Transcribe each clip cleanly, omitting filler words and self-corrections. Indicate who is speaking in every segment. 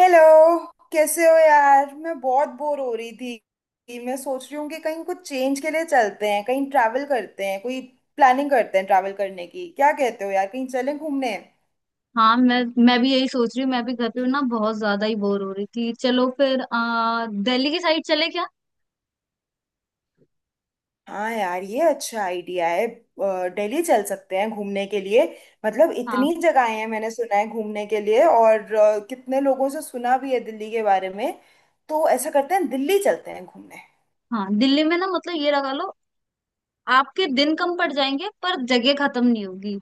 Speaker 1: Hello. कैसे हो यार? मैं बहुत बोर हो रही थी। मैं सोच रही हूँ कि कहीं कुछ चेंज के लिए चलते हैं, कहीं ट्रैवल करते हैं, कोई प्लानिंग करते हैं ट्रैवल करने की। क्या कहते हो यार, कहीं चलें घूमने?
Speaker 2: हाँ, मैं भी यही सोच रही हूँ। मैं भी घर पे ना बहुत ज्यादा ही बोर हो रही थी। चलो फिर दिल्ली की साइड चले क्या।
Speaker 1: हाँ यार, ये अच्छा आइडिया है। दिल्ली चल सकते हैं घूमने के लिए। मतलब
Speaker 2: हाँ
Speaker 1: इतनी जगहें हैं मैंने सुना है घूमने के लिए, और कितने लोगों से सुना भी है दिल्ली के बारे में। तो ऐसा करते हैं, दिल्ली चलते हैं घूमने।
Speaker 2: हाँ, दिल्ली में ना मतलब ये लगा लो, आपके दिन कम पड़ जाएंगे पर जगह खत्म नहीं होगी।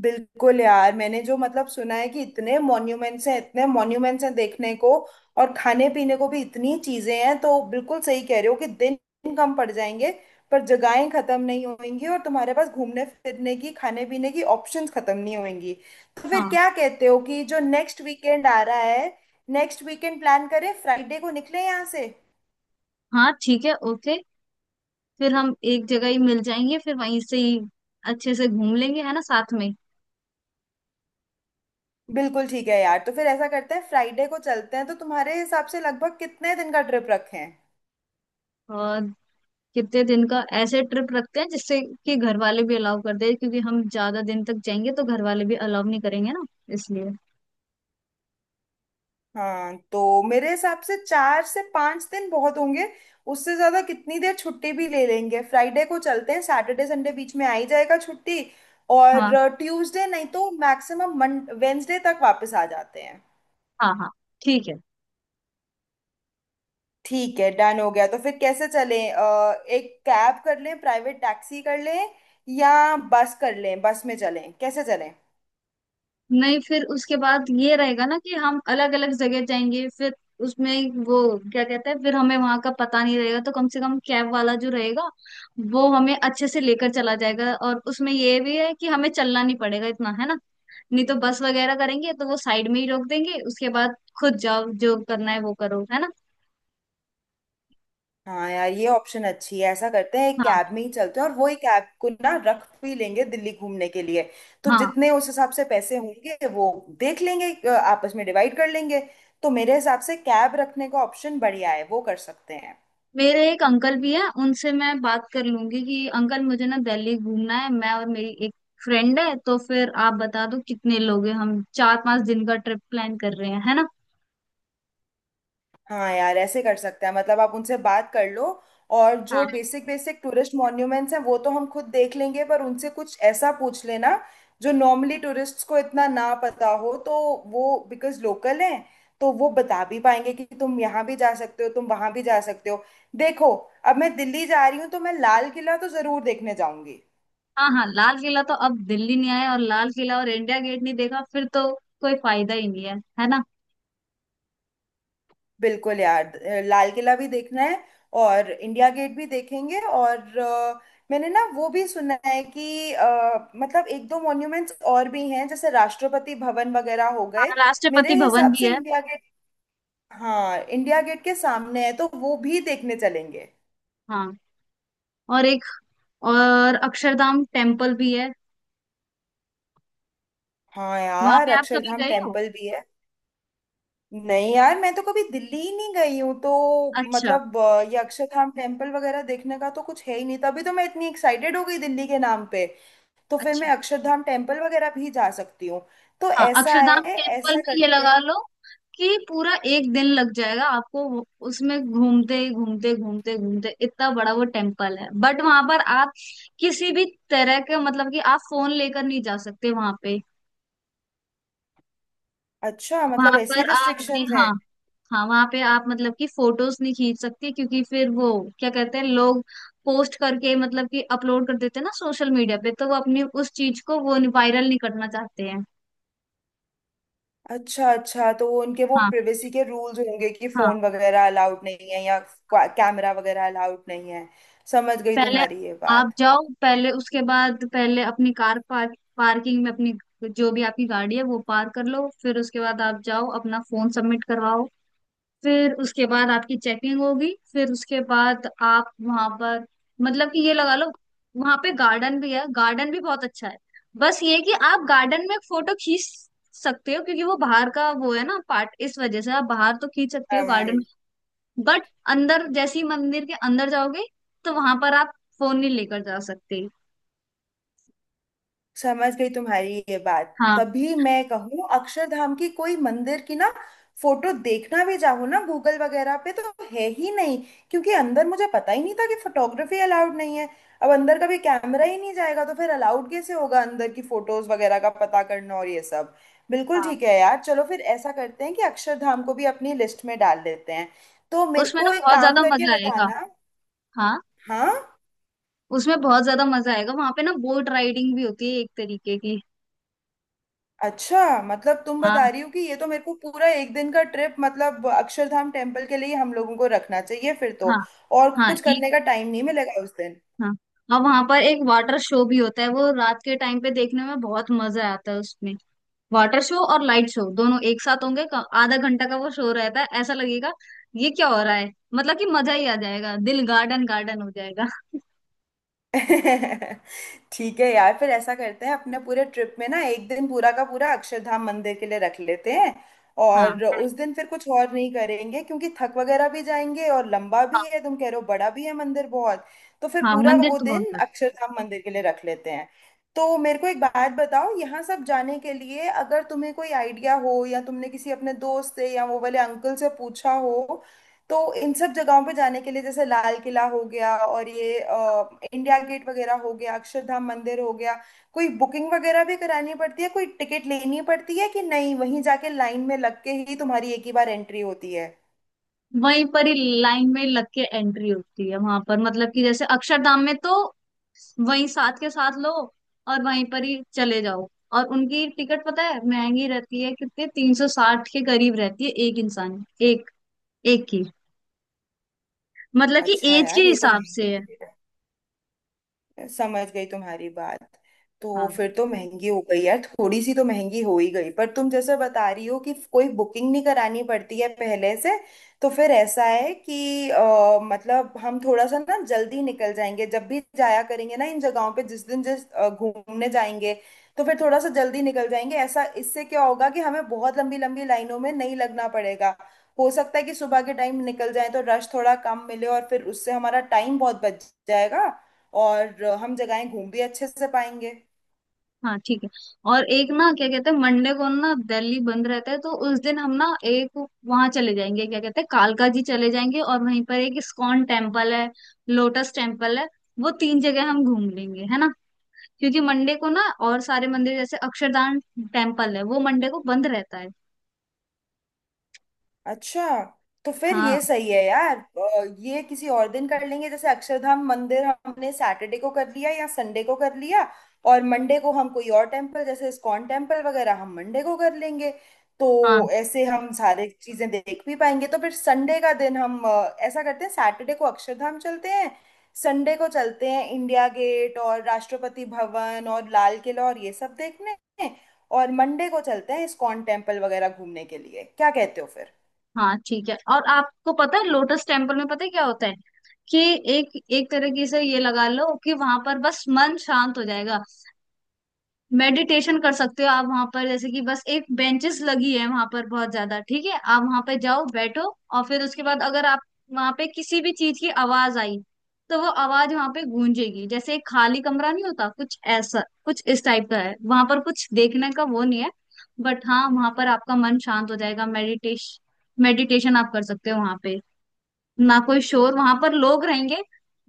Speaker 1: बिल्कुल यार, मैंने जो मतलब सुना है कि इतने मॉन्यूमेंट्स हैं, इतने मॉन्यूमेंट्स हैं देखने को, और खाने पीने को भी इतनी चीजें हैं। तो बिल्कुल सही कह रहे हो कि दिन कम पड़ जाएंगे पर जगहें खत्म नहीं होंगी, और तुम्हारे पास घूमने फिरने की, खाने पीने की ऑप्शंस खत्म नहीं होंगी। तो फिर
Speaker 2: हाँ
Speaker 1: क्या कहते हो कि जो नेक्स्ट वीकेंड आ रहा है, नेक्स्ट वीकेंड प्लान करें, फ्राइडे को निकले यहाँ से।
Speaker 2: हाँ, ठीक है, ओके। फिर हम एक जगह ही मिल जाएंगे, फिर वहीं से ही अच्छे से घूम लेंगे, है ना, साथ में।
Speaker 1: बिल्कुल ठीक है यार, तो फिर ऐसा करते हैं फ्राइडे को चलते हैं। तो तुम्हारे हिसाब से लगभग कितने दिन का ट्रिप रखें?
Speaker 2: और कितने दिन का ऐसे ट्रिप रखते हैं जिससे कि घर वाले भी अलाउ कर दे, क्योंकि हम ज्यादा दिन तक जाएंगे तो घर वाले भी अलाउ नहीं करेंगे ना, इसलिए।
Speaker 1: हाँ, तो मेरे हिसाब से 4 से 5 दिन बहुत होंगे। उससे ज्यादा कितनी देर छुट्टी भी ले लेंगे। फ्राइडे को चलते हैं, सैटरडे संडे बीच में आ ही जाएगा छुट्टी, और
Speaker 2: हाँ
Speaker 1: ट्यूसडे नहीं तो मैक्सिमम मंड वेंसडे तक वापस आ जाते हैं।
Speaker 2: हाँ हाँ, ठीक है।
Speaker 1: ठीक है, डन हो गया। तो फिर कैसे चलें? एक कैब कर लें, प्राइवेट टैक्सी कर लें, या बस कर लें, बस में चलें, कैसे चलें?
Speaker 2: नहीं, फिर उसके बाद ये रहेगा ना कि हम अलग अलग जगह जाएंगे, फिर उसमें वो क्या कहते हैं, फिर हमें वहां का पता नहीं रहेगा, तो कम से कम कैब वाला जो रहेगा वो हमें अच्छे से लेकर चला जाएगा। और उसमें ये भी है कि हमें चलना नहीं पड़ेगा इतना, है ना। नहीं तो बस वगैरह करेंगे तो वो साइड में ही रोक देंगे, उसके बाद खुद जाओ, जो करना है वो करो, है ना।
Speaker 1: हाँ यार, ये ऑप्शन अच्छी है। ऐसा करते हैं एक
Speaker 2: हाँ
Speaker 1: कैब में ही चलते हैं, और वो ही कैब को ना रख भी लेंगे दिल्ली घूमने के लिए। तो
Speaker 2: हाँ,
Speaker 1: जितने उस हिसाब से पैसे होंगे, वो देख लेंगे, आपस में डिवाइड कर लेंगे। तो मेरे हिसाब से कैब रखने का ऑप्शन बढ़िया है, वो कर सकते हैं।
Speaker 2: मेरे एक अंकल भी है, उनसे मैं बात कर लूंगी कि अंकल मुझे ना दिल्ली घूमना है, मैं और मेरी एक फ्रेंड है, तो फिर आप बता दो कितने लोग हैं, हम 4-5 दिन का ट्रिप प्लान कर रहे हैं, है ना।
Speaker 1: हाँ यार, ऐसे कर सकते हैं। मतलब आप उनसे बात कर लो, और जो
Speaker 2: हाँ।
Speaker 1: बेसिक बेसिक टूरिस्ट मॉन्यूमेंट्स हैं वो तो हम खुद देख लेंगे, पर उनसे कुछ ऐसा पूछ लेना जो नॉर्मली टूरिस्ट्स को इतना ना पता हो। तो वो बिकॉज लोकल हैं, तो वो बता भी पाएंगे कि तुम यहाँ भी जा सकते हो, तुम वहाँ भी जा सकते हो। देखो, अब मैं दिल्ली जा रही हूँ तो मैं लाल किला तो ज़रूर देखने जाऊंगी।
Speaker 2: हाँ हाँ, लाल किला तो, अब दिल्ली नहीं आया और लाल किला और इंडिया गेट नहीं देखा फिर तो कोई फायदा ही नहीं है, है ना।
Speaker 1: बिल्कुल यार, लाल किला भी देखना है, और इंडिया गेट भी देखेंगे, और मैंने ना वो भी सुना है कि मतलब एक दो मॉन्यूमेंट्स और भी हैं जैसे राष्ट्रपति भवन वगैरह हो
Speaker 2: हाँ,
Speaker 1: गए।
Speaker 2: राष्ट्रपति
Speaker 1: मेरे
Speaker 2: भवन
Speaker 1: हिसाब
Speaker 2: भी
Speaker 1: से
Speaker 2: है।
Speaker 1: इंडिया गेट, हाँ, इंडिया गेट के सामने है तो वो भी देखने चलेंगे।
Speaker 2: हाँ, और एक, और अक्षरधाम टेम्पल भी है।
Speaker 1: हाँ
Speaker 2: वहां
Speaker 1: यार,
Speaker 2: पे आप कभी
Speaker 1: अक्षरधाम
Speaker 2: गए हो।
Speaker 1: टेम्पल भी है। नहीं यार, मैं तो कभी दिल्ली ही नहीं गई हूँ तो
Speaker 2: अच्छा।
Speaker 1: मतलब ये अक्षरधाम टेम्पल वगैरह देखने का तो कुछ है ही नहीं, तभी तो मैं इतनी एक्साइटेड हो गई दिल्ली के नाम पे। तो फिर
Speaker 2: अच्छा,
Speaker 1: मैं अक्षरधाम टेम्पल वगैरह भी जा सकती हूँ। तो
Speaker 2: हाँ
Speaker 1: ऐसा है,
Speaker 2: अक्षरधाम टेम्पल
Speaker 1: ऐसा
Speaker 2: में ये
Speaker 1: करते
Speaker 2: लगा
Speaker 1: हैं।
Speaker 2: लो कि पूरा एक दिन लग जाएगा आपको। उसमें घूमते घूमते घूमते घूमते, इतना बड़ा वो टेम्पल है। बट वहां पर आप किसी भी तरह के मतलब कि आप फोन लेकर नहीं जा सकते वहां पे।
Speaker 1: अच्छा, मतलब
Speaker 2: वहां पर
Speaker 1: ऐसी
Speaker 2: आप अपने,
Speaker 1: रिस्ट्रिक्शंस
Speaker 2: हाँ।
Speaker 1: हैं।
Speaker 2: हाँ, वहां पे आप मतलब कि फोटोज नहीं खींच सकते, क्योंकि फिर वो क्या कहते हैं, लोग पोस्ट करके मतलब कि अपलोड कर देते हैं ना सोशल मीडिया पे, तो वो अपनी उस चीज को वो वायरल नहीं करना चाहते हैं।
Speaker 1: अच्छा अच्छा, तो उनके वो
Speaker 2: हाँ।
Speaker 1: प्रिवेसी के रूल्स होंगे कि
Speaker 2: हाँ,
Speaker 1: फोन वगैरह अलाउड नहीं है, या कैमरा वगैरह अलाउड नहीं है। समझ गई
Speaker 2: पहले
Speaker 1: तुम्हारी ये
Speaker 2: आप
Speaker 1: बात
Speaker 2: जाओ, पहले उसके बाद पहले अपनी कार पार्क, पार्किंग में अपनी जो भी आपकी गाड़ी है वो पार्क कर लो, फिर उसके बाद आप जाओ अपना फोन सबमिट करवाओ, फिर उसके बाद आपकी चेकिंग होगी, फिर उसके बाद आप वहां पर मतलब कि ये लगा लो, वहां पे गार्डन भी है, गार्डन भी बहुत अच्छा है। बस ये कि आप गार्डन में फोटो खींच सकते हो, क्योंकि वो बाहर का वो है ना पार्ट, इस वजह से आप बाहर तो खींच सकते हो गार्डन, बट अंदर जैसे ही मंदिर के अंदर जाओगे तो वहां पर आप फोन नहीं लेकर जा सकते।
Speaker 1: समझ गई तुम्हारी ये बात,
Speaker 2: हाँ
Speaker 1: तभी मैं कहूँ अक्षरधाम की कोई मंदिर की ना फोटो देखना भी चाहूँ ना गूगल वगैरह पे, तो है ही नहीं। क्योंकि अंदर मुझे पता ही नहीं था कि फोटोग्राफी अलाउड नहीं है। अब अंदर कभी कैमरा ही नहीं जाएगा तो फिर अलाउड कैसे होगा, अंदर की फोटोज वगैरह का पता करना और ये सब। बिल्कुल
Speaker 2: हाँ,
Speaker 1: ठीक है यार, चलो फिर ऐसा करते हैं कि अक्षरधाम को भी अपनी लिस्ट में डाल देते हैं। तो मेरे
Speaker 2: उसमें ना
Speaker 1: को एक
Speaker 2: बहुत
Speaker 1: काम
Speaker 2: ज्यादा
Speaker 1: करके
Speaker 2: मजा आएगा।
Speaker 1: बताना।
Speaker 2: हाँ,
Speaker 1: हाँ,
Speaker 2: उसमें बहुत ज्यादा मजा आएगा। वहां पे ना बोट राइडिंग भी होती है एक तरीके की।
Speaker 1: अच्छा, मतलब तुम बता
Speaker 2: हाँ।
Speaker 1: रही हो कि ये तो मेरे को पूरा एक दिन का ट्रिप मतलब अक्षरधाम टेम्पल के लिए ही हम लोगों को रखना चाहिए फिर तो,
Speaker 2: हाँ
Speaker 1: और
Speaker 2: हाँ,
Speaker 1: कुछ
Speaker 2: एक,
Speaker 1: करने का टाइम नहीं मिलेगा उस
Speaker 2: हाँ और वहां पर एक वाटर शो भी होता है, वो रात के टाइम पे देखने में बहुत मजा आता है उसमें। वाटर शो और लाइट शो दोनों एक साथ होंगे। आधा घंटा का वो शो रहता है। ऐसा लगेगा ये क्या हो रहा है, मतलब कि मजा ही आ जाएगा, दिल गार्डन गार्डन हो जाएगा।
Speaker 1: दिन। ठीक है यार, फिर ऐसा करते हैं अपने पूरे ट्रिप में ना, एक दिन पूरा का पूरा अक्षरधाम मंदिर के लिए रख लेते हैं,
Speaker 2: हाँ।
Speaker 1: और उस दिन फिर कुछ और नहीं करेंगे क्योंकि थक वगैरह भी जाएंगे, और लंबा भी है, तुम कह रहे हो बड़ा भी है मंदिर बहुत। तो फिर
Speaker 2: हाँ,
Speaker 1: पूरा
Speaker 2: मंदिर
Speaker 1: वो
Speaker 2: तो बहुत
Speaker 1: दिन
Speaker 2: बड़ा।
Speaker 1: अक्षरधाम मंदिर के लिए रख लेते हैं। तो मेरे को एक बात बताओ, यहाँ सब जाने के लिए अगर तुम्हें कोई आइडिया हो या तुमने किसी अपने दोस्त से या वो वाले अंकल से पूछा हो, तो इन सब जगहों पे जाने के लिए, जैसे लाल किला हो गया और ये इंडिया गेट वगैरह हो गया, अक्षरधाम मंदिर हो गया, कोई बुकिंग वगैरह भी करानी पड़ती है, कोई टिकट लेनी पड़ती है कि नहीं, वहीं जाके लाइन में लग के ही तुम्हारी एक ही बार एंट्री होती है?
Speaker 2: वहीं पर ही लाइन में लग के एंट्री होती है वहां पर, मतलब कि जैसे अक्षरधाम में तो वहीं साथ के साथ लो और वहीं पर ही चले जाओ। और उनकी टिकट पता है महंगी रहती है, कितने 360 के करीब रहती है एक इंसान, एक, एक की, मतलब कि
Speaker 1: अच्छा
Speaker 2: एज के
Speaker 1: यार, ये तो
Speaker 2: हिसाब से
Speaker 1: महंगी।
Speaker 2: है।
Speaker 1: समझ गई तुम्हारी बात। तो
Speaker 2: हाँ
Speaker 1: फिर तो महंगी हो गई यार, थोड़ी सी तो महंगी हो ही गई, पर तुम जैसे बता रही हो कि कोई बुकिंग नहीं करानी पड़ती है पहले से। तो फिर ऐसा है कि मतलब हम थोड़ा सा ना जल्दी निकल जाएंगे जब भी जाया करेंगे ना इन जगहों पे, जिस दिन जिस घूमने जाएंगे, तो फिर थोड़ा सा जल्दी निकल जाएंगे ऐसा। इससे क्या होगा कि हमें बहुत लंबी लंबी लाइनों में नहीं लगना पड़ेगा। हो सकता है कि सुबह के टाइम निकल जाए तो रश थोड़ा कम मिले, और फिर उससे हमारा टाइम बहुत बच जाएगा, और हम जगहें घूम भी अच्छे से पाएंगे।
Speaker 2: हाँ, ठीक है। और एक ना क्या कहते हैं, मंडे को ना दिल्ली बंद रहता है, तो उस दिन हम ना एक वहां चले जाएंगे, क्या कहते हैं कालका जी चले जाएंगे, और वहीं पर एक इस्कॉन टेम्पल है, लोटस टेम्पल है, वो तीन जगह हम घूम लेंगे, है ना। क्योंकि मंडे को ना और सारे मंदिर जैसे अक्षरधाम टेम्पल है वो मंडे को बंद रहता है।
Speaker 1: अच्छा, तो फिर
Speaker 2: हाँ
Speaker 1: ये सही है यार, ये किसी और दिन कर लेंगे, जैसे अक्षरधाम मंदिर हमने सैटरडे को कर लिया या संडे को कर लिया, और मंडे को हम कोई और टेम्पल जैसे इस्कॉन टेम्पल वगैरह हम मंडे को कर लेंगे।
Speaker 2: हाँ
Speaker 1: तो ऐसे हम सारे चीजें देख भी पाएंगे। तो फिर संडे का दिन हम ऐसा करते हैं, सैटरडे को अक्षरधाम चलते हैं, संडे को चलते हैं इंडिया गेट और राष्ट्रपति भवन और लाल किला और ये सब देखने, और मंडे को चलते हैं इस्कॉन टेम्पल वगैरह घूमने के लिए। क्या कहते हो फिर?
Speaker 2: हाँ, ठीक है। और आपको पता है लोटस टेम्पल में पता है क्या होता है, कि एक, एक तरीके से ये लगा लो कि वहां पर बस मन शांत हो जाएगा, मेडिटेशन कर सकते हो आप वहां पर। जैसे कि बस एक बेंचेस लगी है वहां पर बहुत ज्यादा, ठीक है आप वहां पे जाओ बैठो, और फिर उसके बाद अगर आप वहां पे किसी भी चीज की आवाज आई, तो वो आवाज वहां पे गूंजेगी, जैसे एक खाली कमरा नहीं होता, कुछ ऐसा कुछ इस टाइप का है। वहां पर कुछ देखने का वो नहीं है, बट हाँ वहां पर आपका मन शांत हो जाएगा। मेडिटेशन आप कर सकते हो वहां पे, ना कोई शोर, वहां पर लोग रहेंगे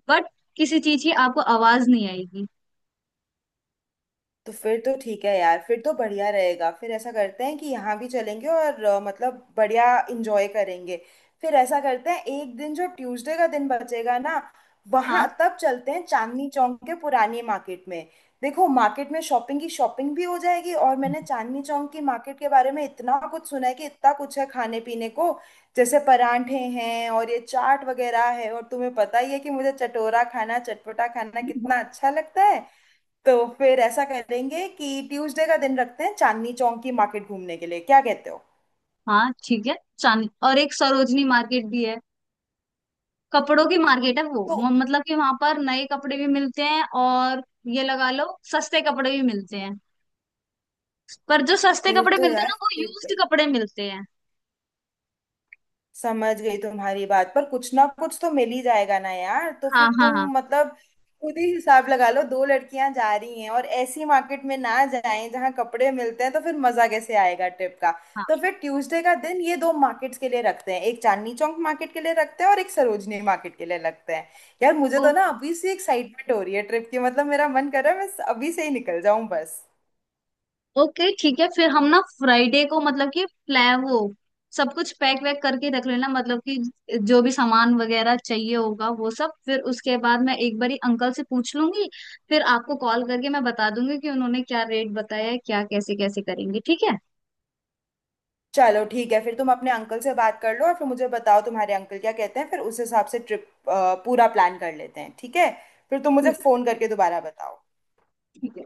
Speaker 2: बट किसी चीज की आपको आवाज नहीं आएगी।
Speaker 1: तो फिर तो ठीक है यार, फिर तो बढ़िया रहेगा। फिर ऐसा करते हैं कि यहाँ भी चलेंगे और मतलब बढ़िया इंजॉय करेंगे। फिर ऐसा करते हैं, एक दिन जो ट्यूसडे का दिन बचेगा ना, वहाँ
Speaker 2: हाँ
Speaker 1: तब चलते हैं, चांदनी चौक के पुरानी मार्केट में। देखो, मार्केट में शॉपिंग की, शॉपिंग भी हो जाएगी, और मैंने चांदनी चौक की मार्केट के बारे में इतना कुछ सुना है कि इतना कुछ है खाने पीने को, जैसे परांठे हैं और ये चाट वगैरह है। और तुम्हें पता ही है कि मुझे चटोरा खाना, चटपटा खाना कितना अच्छा लगता है। तो फिर ऐसा करेंगे कि ट्यूसडे का दिन रखते हैं चांदनी चौक की मार्केट घूमने के लिए, क्या कहते हो?
Speaker 2: हाँ, ठीक है। चांद, और एक सरोजनी मार्केट भी है, कपड़ों की मार्केट है वो
Speaker 1: तो
Speaker 2: मतलब कि वहां पर नए कपड़े भी मिलते हैं, और ये लगा लो सस्ते कपड़े भी मिलते हैं, पर जो सस्ते
Speaker 1: फिर
Speaker 2: कपड़े
Speaker 1: तो
Speaker 2: मिलते हैं
Speaker 1: यार,
Speaker 2: ना वो यूज्ड कपड़े मिलते हैं।
Speaker 1: समझ गई तुम्हारी बात, पर कुछ ना कुछ तो मिल ही जाएगा ना यार। तो
Speaker 2: हाँ
Speaker 1: फिर
Speaker 2: हाँ हाँ।
Speaker 1: तुम मतलब खुद ही हिसाब लगा लो, दो लड़कियां जा रही हैं और ऐसी मार्केट में ना जाएं जहां कपड़े मिलते हैं, तो फिर मजा कैसे आएगा ट्रिप का? तो फिर ट्यूसडे का दिन ये दो मार्केट्स के लिए रखते हैं, एक चांदनी चौक मार्केट के लिए रखते हैं और एक सरोजनी मार्केट के लिए रखते हैं। यार मुझे
Speaker 2: हाँ,
Speaker 1: तो ना अभी से एक्साइटमेंट हो रही है ट्रिप की, मतलब मेरा मन कर रहा है मैं अभी से ही निकल जाऊं बस।
Speaker 2: ओके ठीक है। फिर हम ना फ्राइडे को मतलब कि प्लान, वो सब कुछ पैक वैक करके रख लेना, मतलब कि जो भी सामान वगैरह चाहिए होगा वो सब, फिर उसके बाद मैं एक बारी अंकल से पूछ लूंगी, फिर आपको कॉल करके मैं बता दूंगी कि उन्होंने क्या रेट बताया है, क्या कैसे कैसे करेंगे, ठीक है।
Speaker 1: चलो ठीक है, फिर तुम अपने अंकल से बात कर लो और फिर मुझे बताओ तुम्हारे अंकल क्या कहते हैं, फिर उस हिसाब से ट्रिप पूरा प्लान कर लेते हैं, ठीक है? फिर तुम मुझे
Speaker 2: ठीक,
Speaker 1: फोन करके दोबारा बताओ।
Speaker 2: ठीक है,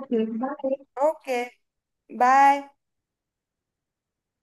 Speaker 2: ओके बाय।
Speaker 1: Okay, bye.